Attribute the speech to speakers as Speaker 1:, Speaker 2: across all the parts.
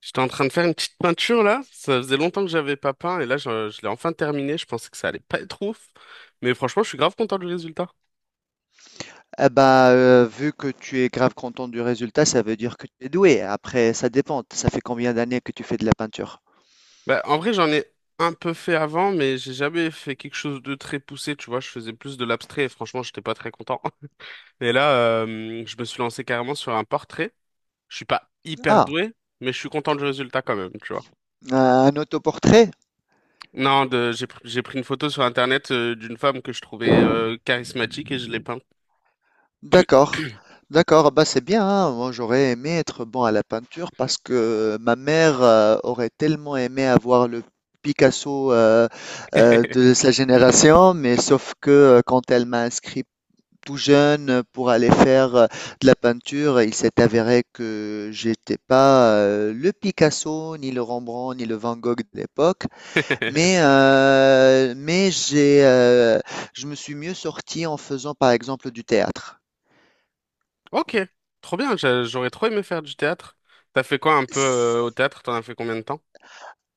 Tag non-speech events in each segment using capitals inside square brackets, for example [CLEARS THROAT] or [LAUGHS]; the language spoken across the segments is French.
Speaker 1: J'étais en train de faire une petite peinture là, ça faisait longtemps que j'avais pas peint et là je l'ai enfin terminé, je pensais que ça allait pas être ouf, mais franchement je suis grave content du résultat.
Speaker 2: Vu que tu es grave content du résultat, ça veut dire que tu es doué. Après, ça dépend. Ça fait combien d'années que tu fais de la peinture?
Speaker 1: Bah, en vrai j'en ai un peu fait avant mais j'ai jamais fait quelque chose de très poussé, tu vois, je faisais plus de l'abstrait et franchement j'étais pas très content. [LAUGHS] Et là je me suis lancé carrément sur un portrait, je suis pas hyper
Speaker 2: Ah,
Speaker 1: doué mais je suis content du résultat quand même, tu vois.
Speaker 2: un autoportrait?
Speaker 1: Non, j'ai pris une photo sur internet d'une femme que je trouvais charismatique et je l'ai peinte.
Speaker 2: D'accord, d'accord. Bah, c'est bien, hein. Moi, j'aurais aimé être bon à la peinture parce que ma mère, aurait tellement aimé avoir le Picasso, de sa génération, mais sauf que quand elle m'a inscrit tout jeune pour aller faire de la peinture. Il s'est avéré que j'étais pas le Picasso, ni le Rembrandt, ni le Van Gogh de l'époque,
Speaker 1: [LAUGHS]
Speaker 2: mais j'ai je me suis mieux sorti en faisant par exemple du théâtre.
Speaker 1: Ok, trop bien, j'aurais trop aimé faire du théâtre. T'as fait quoi un peu au théâtre? T'en as fait combien de temps?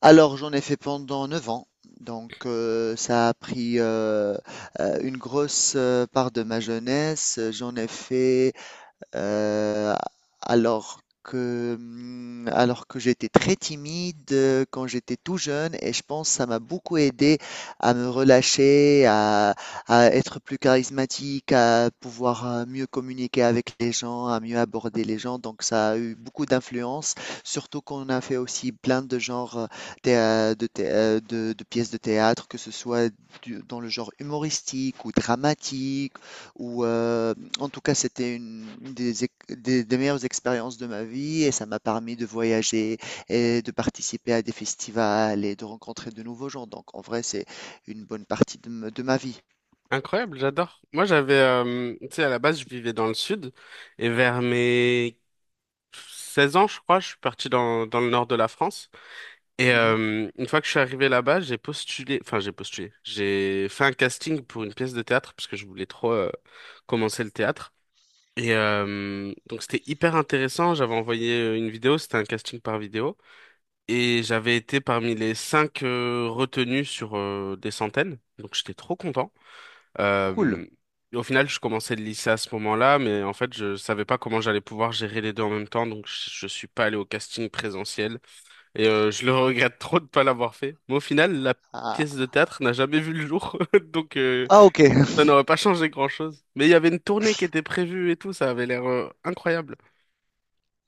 Speaker 2: Alors j'en ai fait pendant 9 ans. Donc ça a pris une grosse part de ma jeunesse. J'en ai fait Euh, alors que j'étais très timide quand j'étais tout jeune et je pense que ça m'a beaucoup aidé à me relâcher, à être plus charismatique, à pouvoir mieux communiquer avec les gens, à mieux aborder les gens. Donc ça a eu beaucoup d'influence, surtout qu'on a fait aussi plein de genres thé- de, thé- de pièces de théâtre, que ce soit dans le genre humoristique ou dramatique où, en tout cas, c'était une des meilleures expériences de ma vie et ça m'a permis de voyager et de participer à des festivals et de rencontrer de nouveaux gens. Donc, en vrai, c'est une bonne partie de ma vie.
Speaker 1: Incroyable, j'adore. Moi, j'avais, tu sais, à la base, je vivais dans le sud et vers mes 16 ans, je crois, je suis parti dans le nord de la France. Et
Speaker 2: Mhm.
Speaker 1: une fois que je suis arrivé là-bas, j'ai postulé, enfin, j'ai postulé, j'ai fait un casting pour une pièce de théâtre parce que je voulais trop commencer le théâtre. Et donc, c'était hyper intéressant. J'avais envoyé une vidéo, c'était un casting par vidéo. Et j'avais été parmi les cinq retenus sur des centaines, donc j'étais trop content.
Speaker 2: Cool.
Speaker 1: Euh, Au final, je commençais le lycée à ce moment-là, mais en fait, je savais pas comment j'allais pouvoir gérer les deux en même temps, donc je suis pas allé au casting présentiel et je le regrette trop de pas l'avoir fait. Mais au final, la
Speaker 2: Ah,
Speaker 1: pièce de théâtre n'a jamais vu le jour, [LAUGHS] donc
Speaker 2: ah, ok. [LAUGHS]
Speaker 1: ça n'aurait pas changé grand-chose. Mais il y avait une tournée qui était prévue et tout, ça avait l'air incroyable.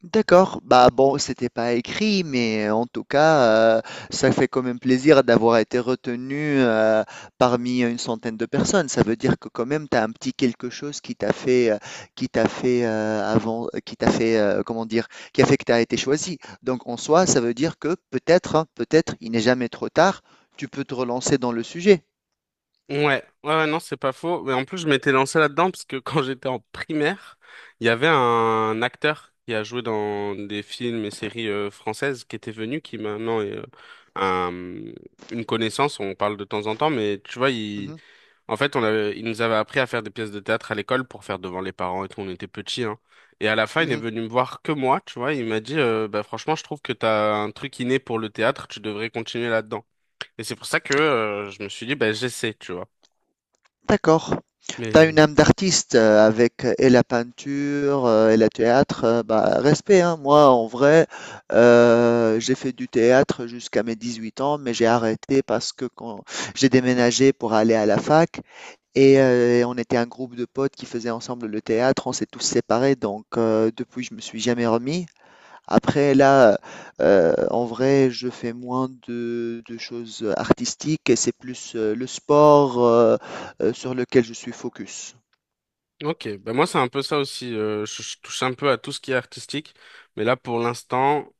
Speaker 2: D'accord, bah bon, c'était pas écrit, mais en tout cas, euh, ça fait quand même plaisir d'avoir été retenu parmi une centaine de personnes. Ça veut dire que quand même, tu as un petit quelque chose qui t'a fait avant, qui t'a fait, comment dire, qui a fait que tu as été choisi. Donc en soi, ça veut dire que peut-être, hein, peut-être, il n'est jamais trop tard, tu peux te relancer dans le sujet.
Speaker 1: Ouais, ouais, ouais, non, c'est pas faux. Mais en plus, je m'étais lancé là-dedans parce que [LAUGHS] quand j'étais en primaire, il y avait un acteur qui a joué dans des films et séries françaises qui était venu, qui maintenant est un- une connaissance. On parle de temps en temps, mais tu vois, il,
Speaker 2: Mhm,
Speaker 1: en fait, on avait, il nous avait appris à faire des pièces de théâtre à l'école pour faire devant les parents et tout. On était petits, hein. Et à la fin, il est
Speaker 2: mhm.
Speaker 1: venu me voir que moi, tu vois. Il m'a dit, bah, franchement, je trouve que t'as un truc inné pour le théâtre. Tu devrais continuer là-dedans. Et c'est pour ça que je me suis dit, bah, j'essaie, tu vois.
Speaker 2: D'accord. Tu as une
Speaker 1: Mais
Speaker 2: âme d'artiste avec et la peinture et le théâtre. Bah, respect, hein. Moi, en vrai, j'ai fait du théâtre jusqu'à mes 18 ans, mais j'ai arrêté parce que quand j'ai déménagé pour aller à la fac et et on était un groupe de potes qui faisaient ensemble le théâtre, on s'est tous séparés, donc depuis, je me suis jamais remis. Après là, en vrai, je fais moins de choses artistiques et c'est plus, le sport, sur lequel je suis focus.
Speaker 1: ok, ben moi c'est un peu ça aussi. Je touche un peu à tout ce qui est artistique, mais là pour l'instant,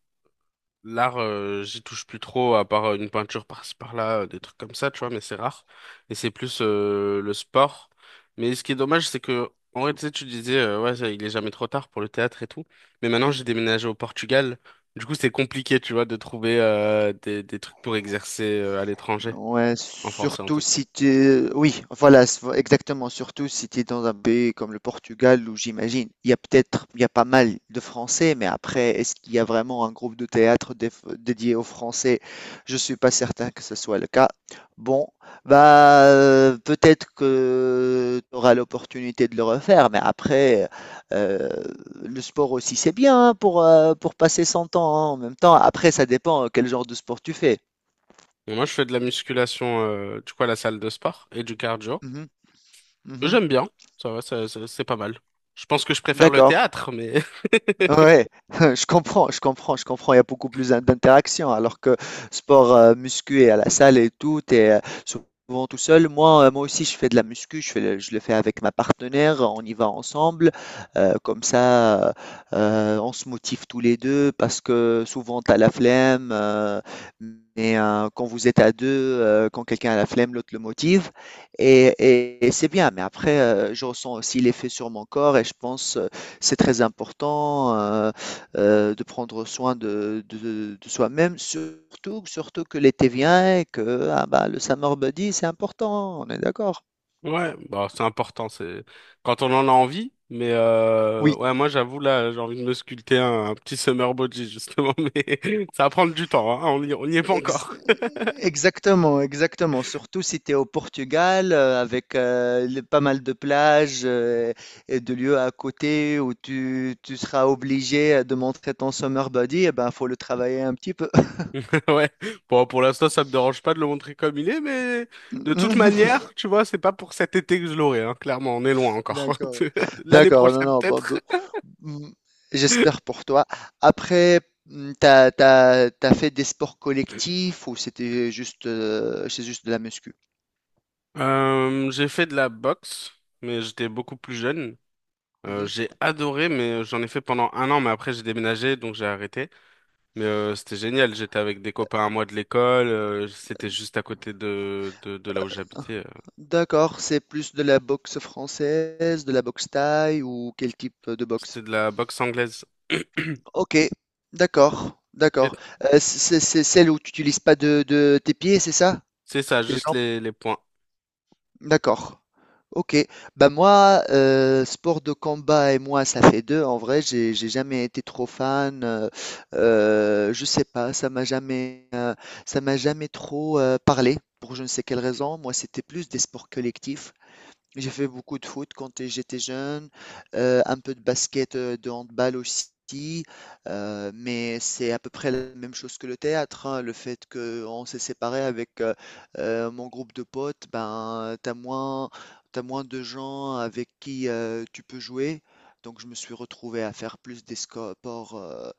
Speaker 1: l'art, j'y touche plus trop à part une peinture par-ci par-là, des trucs comme ça, tu vois. Mais c'est rare. Et c'est plus le sport. Mais ce qui est dommage, c'est que en vrai, tu sais, tu disais, ouais, ça, il est jamais trop tard pour le théâtre et tout. Mais maintenant,
Speaker 2: Mmh.
Speaker 1: j'ai déménagé au Portugal. Du coup, c'est compliqué, tu vois, de trouver des trucs pour exercer à l'étranger,
Speaker 2: Ouais,
Speaker 1: en français en
Speaker 2: surtout
Speaker 1: tout.
Speaker 2: si tu... es- Oui, voilà, s- exactement. Surtout si tu es dans un pays comme le Portugal, où j'imagine, il y a peut-être, il y a pas mal de Français, mais après, est-ce qu'il y a vraiment un groupe de théâtre déf- dédié aux Français? Je suis pas certain que ce soit le cas. Bon, bah, peut-être que tu auras l'opportunité de le refaire, mais après, euh, le sport aussi, c'est bien hein, pour passer son temps, hein, en même temps. Après, ça dépend quel genre de sport tu fais.
Speaker 1: Et moi, je fais de la musculation, du coup, à la salle de sport et du cardio.
Speaker 2: Mhm, mhm.
Speaker 1: J'aime bien, ça va, c'est pas mal. Je pense que je préfère le
Speaker 2: D'accord.
Speaker 1: théâtre, mais [LAUGHS]
Speaker 2: Ouais, [LAUGHS] je comprends, je comprends, je comprends. Il y a beaucoup plus d'interactions. Alors que sport muscu et à la salle et tout, t'es souvent tout seul. Moi, moi aussi, je fais de la muscu. Je fais je le fais avec ma partenaire. On y va ensemble. Comme ça, on se motive tous les deux parce que souvent, t'as la flemme. Quand vous êtes à deux, quand quelqu'un a la flemme, l'autre le motive. Et c'est bien. Mais après, je ressens aussi l'effet sur mon corps et je pense. C'est très important de prendre soin de soi-même, surtout, surtout que l'été vient et que ah bah, le summer body, c'est important, on est d'accord.
Speaker 1: ouais, bah, c'est important, c'est quand on en a envie. Mais
Speaker 2: Oui,
Speaker 1: ouais, moi j'avoue là, j'ai envie de me sculpter un petit summer body justement, [LAUGHS] mais ça va prendre du temps, hein. On y est pas
Speaker 2: ex-
Speaker 1: encore.
Speaker 2: exactement, exactement. Surtout si tu es au Portugal, avec pas mal de plages et de lieux à côté où tu seras obligé de montrer ton summer body, eh ben, faut le travailler un petit peu.
Speaker 1: [LAUGHS] Ouais. Bon, pour l'instant, ça me dérange pas de le montrer comme il est, mais de toute
Speaker 2: [LAUGHS]
Speaker 1: manière, tu vois, c'est pas pour cet été que je l'aurai, hein. Clairement, on est loin encore.
Speaker 2: D'accord,
Speaker 1: [LAUGHS] L'année
Speaker 2: d'accord, non,
Speaker 1: prochaine
Speaker 2: non, bon,
Speaker 1: peut-être.
Speaker 2: mm, j'espère pour toi. Après, t'as fait des sports collectifs ou c'était juste, c'est juste de la muscu?
Speaker 1: J'ai fait de la boxe, mais j'étais beaucoup plus jeune.
Speaker 2: Mhm.
Speaker 1: J'ai adoré, mais j'en ai fait pendant un an, mais après j'ai déménagé, donc j'ai arrêté. Mais c'était génial, j'étais avec des copains à moi de l'école, c'était juste à côté de là où j'habitais.
Speaker 2: D'accord, c'est plus de la boxe française, de la boxe thaï ou quel type de boxe?
Speaker 1: C'était de la boxe anglaise. [CLEARS THROAT]
Speaker 2: Ok, d'accord,
Speaker 1: Et
Speaker 2: d'accord. C'est c'est celle où tu n'utilises pas de tes pieds, c'est ça?
Speaker 1: C'est ça,
Speaker 2: Tes
Speaker 1: juste
Speaker 2: jambes?
Speaker 1: les points.
Speaker 2: D'accord. OK. Bah moi, sport de combat et moi, ça fait 2. En vrai, j'ai jamais été trop fan, je sais pas, ça m'a jamais trop, parlé pour je ne sais quelle raison. Moi, c'était plus des sports collectifs. J'ai fait beaucoup de foot quand j'étais jeune, un peu de basket, de handball aussi, mais c'est à peu près la même chose que le théâtre, hein. Le fait qu'on s'est séparés avec, mon groupe de potes, ben, t'as moins de gens avec qui, tu peux jouer. Donc je me suis retrouvé à faire plus des sco ports, heu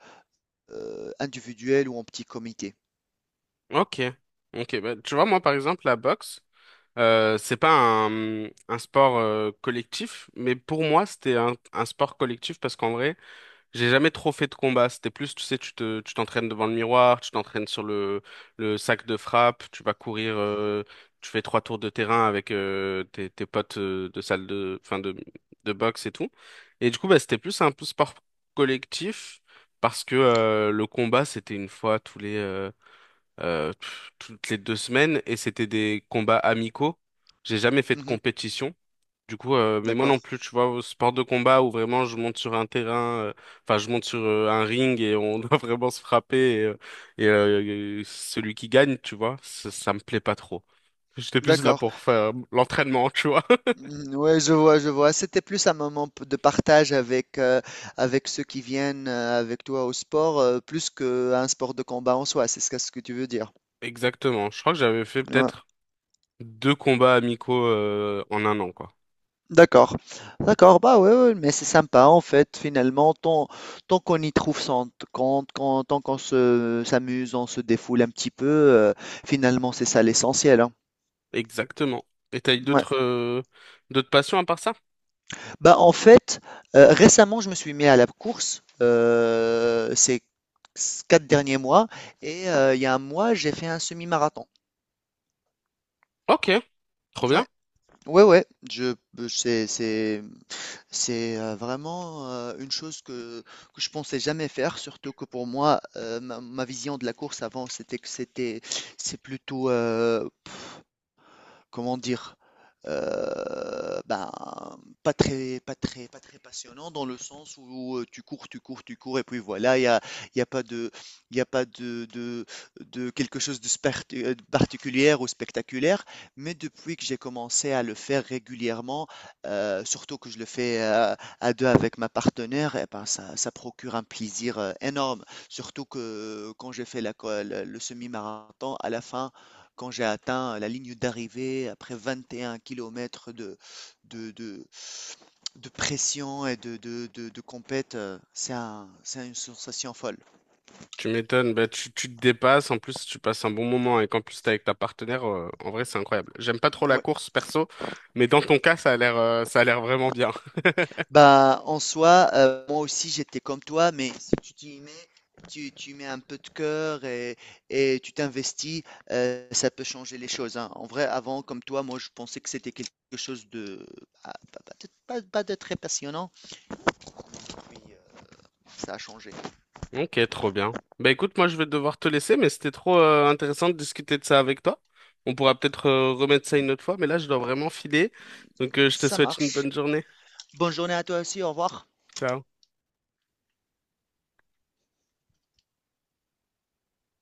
Speaker 2: heu, individuels ou en petit comité.
Speaker 1: Ok, ok. Bah, tu vois, moi par exemple, la boxe, c'est pas un sport collectif, mais pour moi, c'était un sport collectif parce qu'en vrai, j'ai jamais trop fait de combat. C'était plus, tu sais, tu t'entraînes devant le miroir, tu t'entraînes sur le sac de frappe, tu vas courir, tu fais trois tours de terrain avec tes potes de salle de, enfin de boxe et tout. Et du coup, bah, c'était plus un peu sport collectif parce que le combat, c'était une fois toutes les 2 semaines et c'était des combats amicaux. J'ai jamais fait de
Speaker 2: Mmh.
Speaker 1: compétition. Du coup, mais moi non
Speaker 2: D'accord.
Speaker 1: plus, tu vois, au sport de combat où vraiment je monte sur un terrain, enfin je monte sur un ring et on [LAUGHS] doit vraiment se frapper et, celui qui gagne, tu vois, ça me plaît pas trop. J'étais plus là
Speaker 2: D'accord.
Speaker 1: pour faire l'entraînement, tu vois.
Speaker 2: Mhm, ouais, je vois, je vois. C'était plus un moment de partage avec, avec ceux qui viennent avec toi au sport, plus qu'un sport de combat en soi, c'est ce que tu veux dire.
Speaker 1: [LAUGHS] Exactement. Je crois que j'avais fait
Speaker 2: Ouais.
Speaker 1: peut-être deux combats amicaux en un an, quoi.
Speaker 2: D'accord, d'accord, bah ouais, ouais, mais c'est sympa en fait, finalement, tant, tant qu'on y trouve son compte, quand, tant qu'on se s'amuse, on se défoule un petit peu, finalement c'est ça l'essentiel, hein.
Speaker 1: Exactement. Et t'as eu
Speaker 2: Ouais.
Speaker 1: d'autres d'autres passions à part ça?
Speaker 2: Bah, en fait, récemment, je me suis mis à la course, ces 4 derniers mois et il y a un mois, j'ai fait un semi-marathon.
Speaker 1: Ok, trop bien.
Speaker 2: Ouais, ouais, ouais, je c'est c'est c'est, vraiment, une chose que je pensais jamais faire, surtout que pour moi, ma vision de la course avant, c'était que c'est plutôt, comment dire, euh, ben, pas très, pas très, pas très passionnant dans le sens où tu cours, tu cours, tu cours, et puis voilà, il y a pas de, il y a pas de, de quelque chose de particulier ou spectaculaire. Mais depuis que j'ai commencé à le faire régulièrement, surtout que je le fais à deux avec ma partenaire, et ben, ça procure un plaisir énorme. Surtout que quand j'ai fait le semi-marathon, à la fin, quand j'ai atteint la ligne d'arrivée après 21 kilomètres de de de pression et de compète, c'est un c'est une sensation folle.
Speaker 1: Tu m'étonnes, bah, tu te dépasses, en plus tu passes un bon moment et qu'en plus t'es avec ta partenaire, en vrai c'est incroyable. J'aime pas trop la
Speaker 2: Ouais.
Speaker 1: course perso, mais dans ton cas ça a l'air vraiment bien. [LAUGHS]
Speaker 2: Bah, en soi, moi aussi j'étais comme toi, mais si tu t'y mets, tu mets un peu de cœur et tu t'investis, ça peut changer les choses, hein. En vrai, avant, comme toi, moi je pensais que c'était quelque chose de ah, pas pas de pas pas de très passionnant, puis, ça a changé.
Speaker 1: Ok, trop bien. Bah écoute, moi je vais devoir te laisser, mais c'était trop intéressant de discuter de ça avec toi. On pourra peut-être remettre ça une autre fois, mais là je dois vraiment filer. Donc je te
Speaker 2: Ça
Speaker 1: souhaite une
Speaker 2: marche.
Speaker 1: bonne journée.
Speaker 2: Bonne journée à toi aussi, au revoir.
Speaker 1: Ciao.